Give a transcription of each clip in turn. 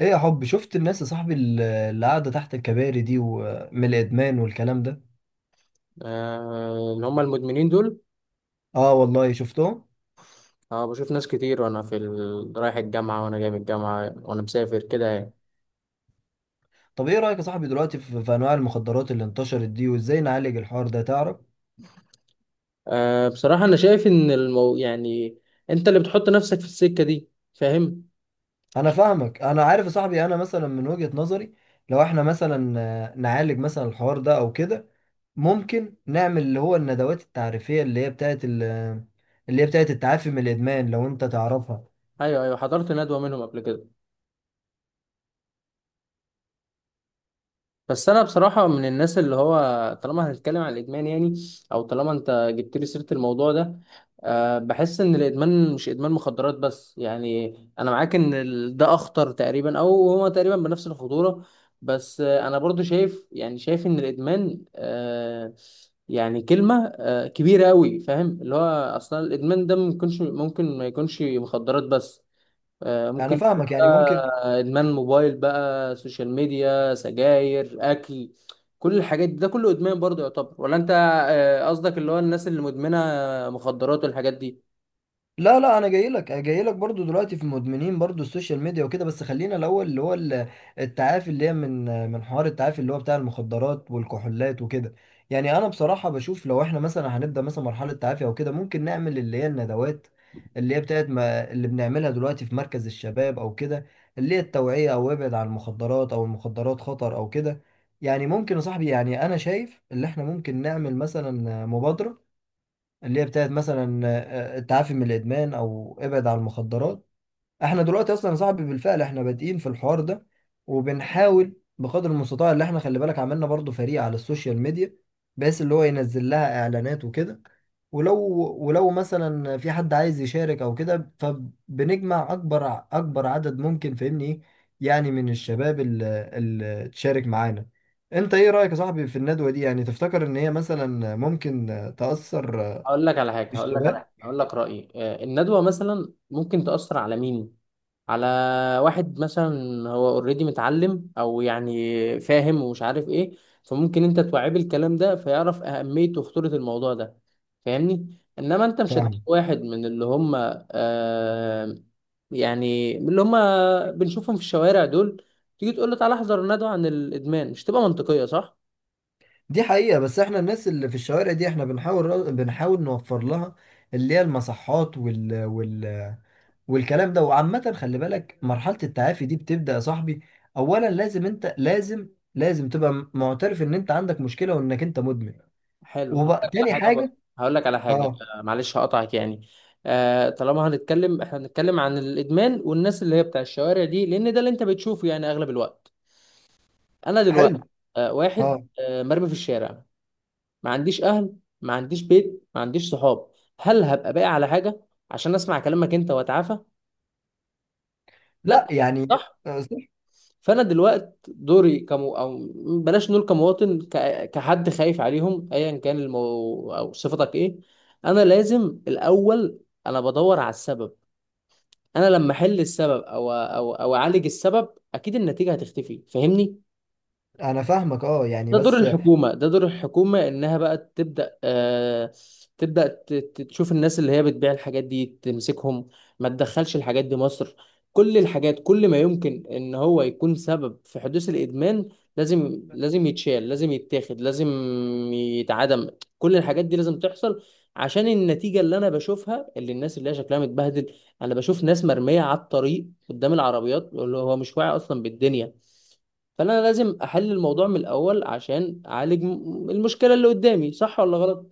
ايه يا حب، شفت الناس يا صاحبي اللي قاعده تحت الكباري دي، ومن الادمان والكلام ده؟ آه، اللي هم المدمنين دول. اه والله شفتهم. أه، بشوف ناس كتير وأنا رايح الجامعة، وأنا جاي من الجامعة، وأنا مسافر كده يعني. طب ايه رايك يا صاحبي دلوقتي في انواع المخدرات اللي انتشرت دي، وازاي نعالج الحوار ده، تعرف؟ أه بصراحة أنا شايف إن يعني أنت اللي بتحط نفسك في السكة دي، فاهم؟ انا فاهمك، انا عارف يا صاحبي. انا مثلا من وجهه نظري، لو احنا مثلا نعالج مثلا الحوار ده او كده، ممكن نعمل اللي هو الندوات التعريفيه اللي هي اللي هي بتاعت التعافي من الادمان، لو انت تعرفها. أيوه أيوه، حضرت ندوة منهم قبل كده. بس انا بصراحه من الناس اللي هو، طالما هنتكلم عن الادمان يعني، او طالما انت جبت لي سيره الموضوع ده، أه بحس ان الادمان مش ادمان مخدرات بس، يعني انا معاك ان ده اخطر تقريبا، او هو تقريبا بنفس الخطوره. بس انا برضو شايف، يعني شايف ان الادمان أه، يعني كلمه أه كبيره قوي، فاهم اللي هو اصلا الادمان ده ممكن ما يكونش مخدرات بس. انا ممكن يكون فاهمك، يعني ممكن. بقى ادمان موبايل بقى، سوشيال ميديا، سجاير، اكل، كل الحاجات دي ده كله ادمان برضه يعتبر، ولا انت؟ قصدك اللي هو الناس اللي مدمنه مخدرات والحاجات دي؟ لا لا، انا جاي لك، جاي لك برضو دلوقتي في مدمنين برضو السوشيال ميديا وكده، بس خلينا الاول التعافي اللي هي من حوار التعافي اللي هو بتاع المخدرات والكحولات وكده. يعني انا بصراحة بشوف لو احنا مثلا هنبدأ مثلا مرحلة تعافي او كده، ممكن نعمل اللي هي الندوات اللي هي بتاعت ما اللي بنعملها دلوقتي في مركز الشباب او كده، اللي هي التوعية، او ابعد عن المخدرات، او المخدرات خطر، او كده. يعني ممكن يا صاحبي، يعني انا شايف اللي احنا ممكن نعمل مثلا مبادرة اللي هي بتاعت مثلا التعافي من الادمان، او ابعد عن المخدرات. احنا دلوقتي اصلا يا صاحبي بالفعل احنا بادئين في الحوار ده، وبنحاول بقدر المستطاع. اللي احنا خلي بالك عملنا برضو فريق على السوشيال ميديا، بحيث اللي هو ينزل لها اعلانات وكده. ولو، ولو مثلا في حد عايز يشارك او كده، فبنجمع اكبر عدد ممكن، فاهمني ايه؟ يعني من الشباب اللي تشارك معانا. انت ايه رايك يا صاحبي في الندوه دي؟ يعني تفتكر ان هي مثلا ممكن تاثر الشباب؟ هقول لك رايي. الندوه مثلا ممكن تاثر على مين؟ على واحد مثلا هو اوريدي متعلم، او يعني فاهم ومش عارف ايه، فممكن انت توعيه بالكلام ده فيعرف اهمية وخطورة الموضوع ده، فاهمني. انما انت مش هتجيب فاهم. واحد من اللي هم، آه، يعني من اللي هم بنشوفهم في الشوارع دول، تيجي تقول له تعالى احضر ندوة عن الادمان؟ مش تبقى منطقية، صح؟ دي حقيقة، بس احنا الناس اللي في الشوارع دي احنا بنحاول نوفر لها اللي هي المصحات وال وال والكلام ده. وعامة خلي بالك مرحلة التعافي دي بتبدأ يا صاحبي، أولا لازم أنت لازم تبقى معترف إن أنت عندك مشكلة، وإنك أنت مدمن. حلو. وبقى تاني حاجة، هقول لك على حاجه. أه. معلش هقطعك يعني. آه، طالما هنتكلم، احنا هنتكلم عن الادمان والناس اللي هي بتاع الشوارع دي، لان ده اللي انت بتشوفه يعني اغلب الوقت. انا دلوقتي حلو. آه واحد أه. آه مرمي في الشارع، ما عنديش اهل، ما عنديش بيت، ما عنديش صحاب، هل هبقى باقي على حاجه عشان اسمع كلامك انت واتعافى؟ لا لا. يعني، صح. صح. فانا دلوقت دوري كمو او، بلاش نقول كمواطن، كحد خايف عليهم، ايا كان او صفتك ايه. انا لازم الاول، انا بدور على السبب. انا لما احل السبب، او اعالج السبب، اكيد النتيجة هتختفي، فاهمني. أنا فاهمك أه، يعني ده دور بس. الحكومة، ده دور الحكومة، إنها بقى تبدأ آه، تبدأ تشوف الناس اللي هي بتبيع الحاجات دي تمسكهم، ما تدخلش الحاجات دي مصر. كل الحاجات، كل ما يمكن إن هو يكون سبب في حدوث الإدمان، لازم، لازم يتشال، لازم يتاخد، لازم يتعدم. كل الحاجات دي لازم تحصل، عشان النتيجة اللي أنا بشوفها، اللي الناس اللي هي شكلها متبهدل. أنا بشوف ناس مرمية على الطريق قدام العربيات، اللي هو مش واعي أصلا بالدنيا. فانا لازم احل الموضوع من الاول عشان اعالج المشكله اللي قدامي، صح ولا غلط؟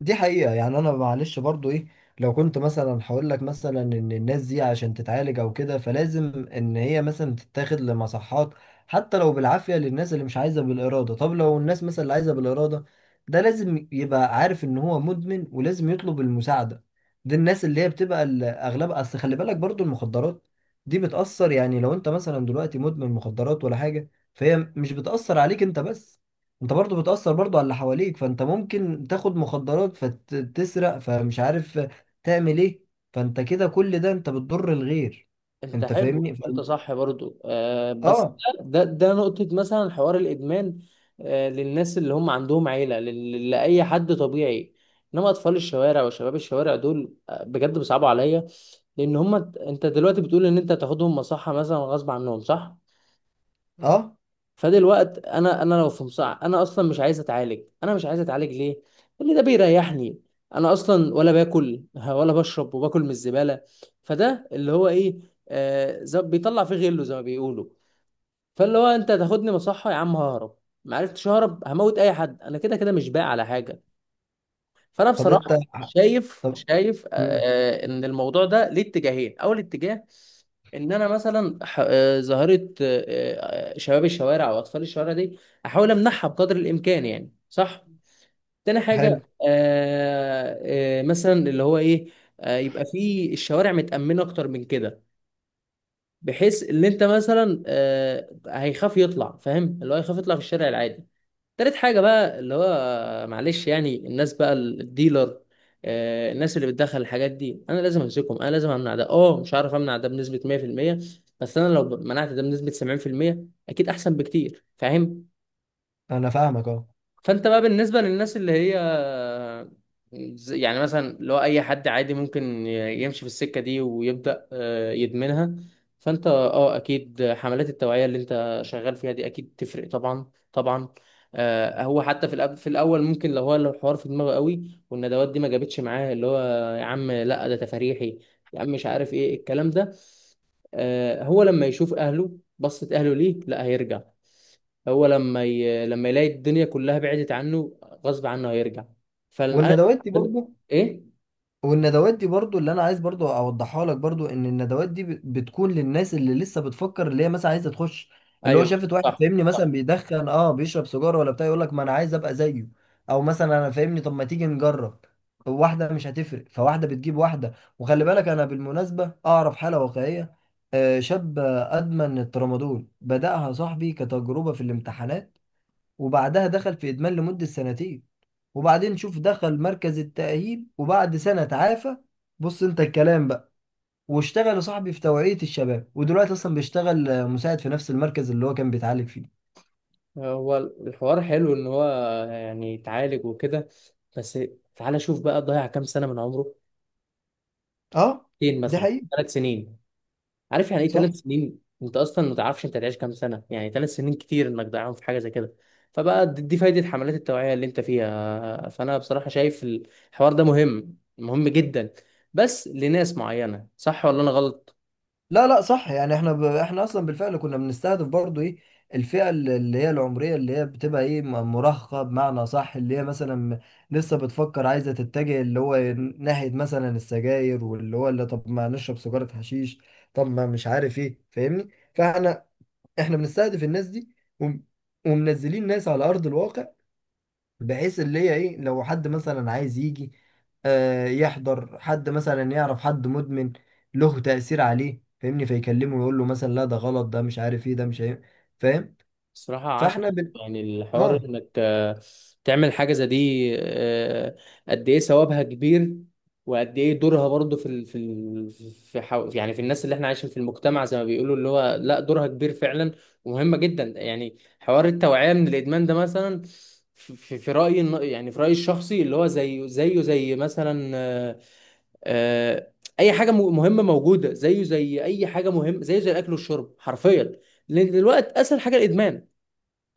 دي حقيقة، يعني أنا معلش برضو إيه، لو كنت مثلا هقول لك مثلا إن الناس دي عشان تتعالج أو كده، فلازم إن هي مثلا تتاخد لمصحات، حتى لو بالعافية للناس اللي مش عايزة بالإرادة. طب لو الناس مثلا اللي عايزة بالإرادة، ده لازم يبقى عارف إن هو مدمن ولازم يطلب المساعدة. دي الناس اللي هي بتبقى أغلبها. أصل خلي بالك برضو المخدرات دي بتأثر، يعني لو أنت مثلا دلوقتي مدمن مخدرات ولا حاجة، فهي مش بتأثر عليك أنت بس، انت برضو بتأثر برضو على اللي حواليك. فانت ممكن تاخد مخدرات فتسرق، فمش عارف تعمل ايه. فانت كده كل ده انت بتضر الغير. انت انت حلو، فاهمني ف... انت صح برضو آه، بس اه. ده نقطه مثلا، حوار الادمان آه للناس اللي هم عندهم عيله، لاي حد طبيعي. انما اطفال الشوارع وشباب الشوارع دول، بجد بيصعبوا عليا. لان هم، انت دلوقتي بتقول ان انت تاخدهم مصحه مثلا غصب عنهم، صح؟ اه. فده الوقت انا لو في مصع انا اصلا مش عايز اتعالج. انا مش عايز اتعالج ليه؟ اللي ده بيريحني. انا اصلا ولا باكل ولا بشرب، وباكل من الزباله. فده اللي هو ايه، آه بيطلع فيه غله زي ما بيقولوا. فاللي هو انت تاخدني مصحه يا عم، ههرب، ما عرفتش اهرب هموت اي حد، انا كده كده مش باقي على حاجه. فانا طب انت، بصراحه شايف، طب شايف مم. ان الموضوع ده ليه اتجاهين. اول اتجاه ان انا مثلا ظاهره شباب الشوارع او اطفال الشوارع دي احاول امنعها بقدر الامكان، يعني صح. تاني حاجه حلو. آه، مثلا اللي هو ايه، يبقى في الشوارع متامنه اكتر من كده، بحيث ان انت مثلا، هيخاف يطلع، فاهم اللي هو هيخاف يطلع في الشارع العادي. تالت حاجة بقى، اللي هو معلش يعني الناس بقى، الديلر، الناس اللي بتدخل الحاجات دي، انا لازم امسكهم، انا لازم امنع ده. اه مش عارف امنع ده بنسبة 100%، بس انا لو منعت ده بنسبة 70% اكيد احسن بكتير، فاهم؟ انا فاهمك اه. فانت بقى بالنسبه للناس اللي هي، يعني مثلا اللي هو اي حد عادي ممكن يمشي في السكه دي ويبدا، يدمنها. فانت اه اكيد حملات التوعيه اللي انت شغال فيها دي اكيد تفرق، طبعا طبعا. هو حتى في الاول ممكن، لو هو لو الحوار في دماغه قوي والندوات دي ما جابتش معاه، اللي هو يا عم لا ده تفاريحي، يا عم مش عارف ايه الكلام ده، هو لما يشوف اهله بصت اهله ليه، لا هيرجع. هو لما لما يلاقي الدنيا كلها بعدت عنه، غصب عنه هيرجع. فانا، والندوات دي برضو، ايه، والندوات دي برضو اللي انا عايز برضو اوضحها لك برضو، ان الندوات دي بتكون للناس اللي لسه بتفكر، اللي هي مثلا عايزه تخش. اللي هو ايوه. شافت واحد صح فاهمني صح. مثلا بيدخن، اه بيشرب سيجاره ولا بتاع، يقول لك ما انا عايز ابقى زيه. او مثلا انا فاهمني، طب ما تيجي نجرب؟ واحده مش هتفرق، فواحده بتجيب واحده. وخلي بالك انا بالمناسبه اعرف حاله واقعيه. شاب ادمن الترامادول، بدأها صاحبي كتجربه في الامتحانات، وبعدها دخل في إدمان لمدة سنتين. وبعدين شوف، دخل مركز التأهيل وبعد سنة تعافى. بص انت الكلام بقى، واشتغل يا صاحبي في توعية الشباب، ودلوقتي اصلا بيشتغل مساعد في نفس المركز اللي هو كان بيتعالج فيه. هو الحوار حلو ان هو يعني اتعالج وكده، بس تعالى شوف بقى، ضيع كام سنه من عمره؟ اه. 2 سنين دي مثلا، حقيقة. 3 سنين. عارف يعني ايه صح. 3 سنين؟ انت اصلا ما تعرفش انت هتعيش كام سنه، يعني 3 سنين كتير انك تضيعهم في حاجه زي كده. فبقى دي فايده حملات التوعيه اللي انت فيها. فانا بصراحه شايف الحوار ده مهم، مهم جدا، بس لناس معينه، صح ولا انا غلط؟ لا لا، صح. يعني احنا ب... احنا اصلا بالفعل كنا بنستهدف برضو ايه، الفئة اللي هي العمرية اللي هي بتبقى ايه، مراهقة بمعنى صح، اللي هي مثلا لسه بتفكر عايزة تتجه اللي هو ناحية مثلا السجاير، واللي هو اللي طب ما نشرب سيجارة حشيش، طب ما مش عارف ايه، فاهمني؟ فاحنا، احنا بنستهدف الناس دي. وم... ومنزلين ناس على أرض الواقع، بحيث اللي هي ايه لو حد مثلا عايز يجي آه يحضر، حد مثلا يعرف حد مدمن له تأثير عليه فاهمني، فيكلمه ويقول له مثلا لا ده غلط، ده مش عارف ايه، ده مش عارف. فاهم. بصراحه عشان فاحنا بن... يعني الحوار اه. انك، تعمل حاجه زي دي، آه، قد ايه ثوابها كبير، وقد ايه دورها برضو يعني في الناس اللي احنا عايشين في المجتمع زي ما بيقولوا، اللي هو لا، دورها كبير فعلا ومهمه جدا. يعني حوار التوعيه من الادمان ده مثلا، في رايي يعني في رايي الشخصي، اللي هو زيه، زي مثلا آه، اي حاجه مهمه موجوده، زيه زي اي حاجه مهمه، زيه زي الاكل والشرب حرفيا. لان دلوقتي اسهل حاجه الادمان،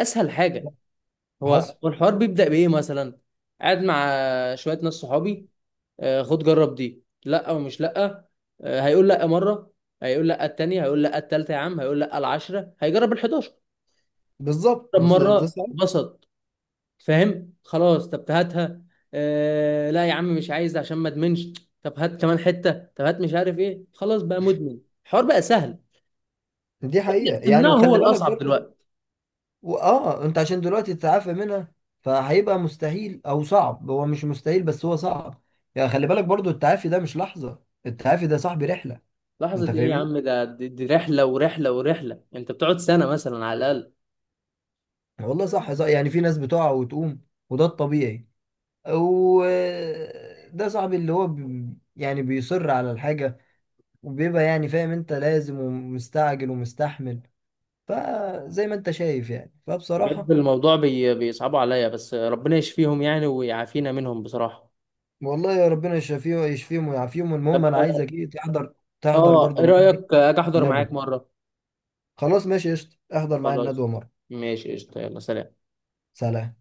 اسهل حاجه. هو حصل. هو الحوار بيبدا بايه مثلا، قاعد مع شويه ناس صحابي، خد جرب دي، لا او مش لا. هيقول لا مره، هيقول لا التانية، هيقول لا التالتة، يا عم هيقول لا العشرة، هيجرب ال11. بالظبط، جرب ده مرة صح. اتبسط، فاهم، خلاص طب هاتها. آه لا يا عم مش عايز عشان ما ادمنش. طب هات كمان حته، طب هات مش عارف ايه، خلاص بقى مدمن. الحوار بقى سهل، دي حقيقة انك يعني، تمنعه هو وخلي بالك الاصعب برضه دلوقتي. اه، انت عشان دلوقتي تتعافى منها فهيبقى مستحيل او صعب، هو مش مستحيل بس هو صعب. يعني خلي بالك برضه التعافي ده مش لحظة، التعافي ده صاحبي رحلة. انت لحظه ايه يا فاهمني. عم، ده دي رحله ورحله ورحله، انت بتقعد سنه مثلا على الاقل. والله صح صح، يعني في ناس بتقع وتقوم، وده الطبيعي، وده صاحبي اللي هو بي، يعني بيصر على الحاجة، وبيبقى يعني فاهم انت لازم ومستعجل ومستحمل. فزي ما انت شايف، يعني بجد فبصراحة. الموضوع بي بيصعبوا عليا، بس ربنا يشفيهم يعني ويعافينا منهم بصراحه. والله يا ربنا يشفيه ويشفيهم ويعافيهم. طب، المهم انا عايزك ايه تحضر، تحضر اه برضو ايه معانا ايه رايك اجي احضر معاك ندوة. مره؟ خلاص ماشي قشطة، احضر معايا الندوة خلاص مرة. ماشي قشطه، يلا سلام. سلام.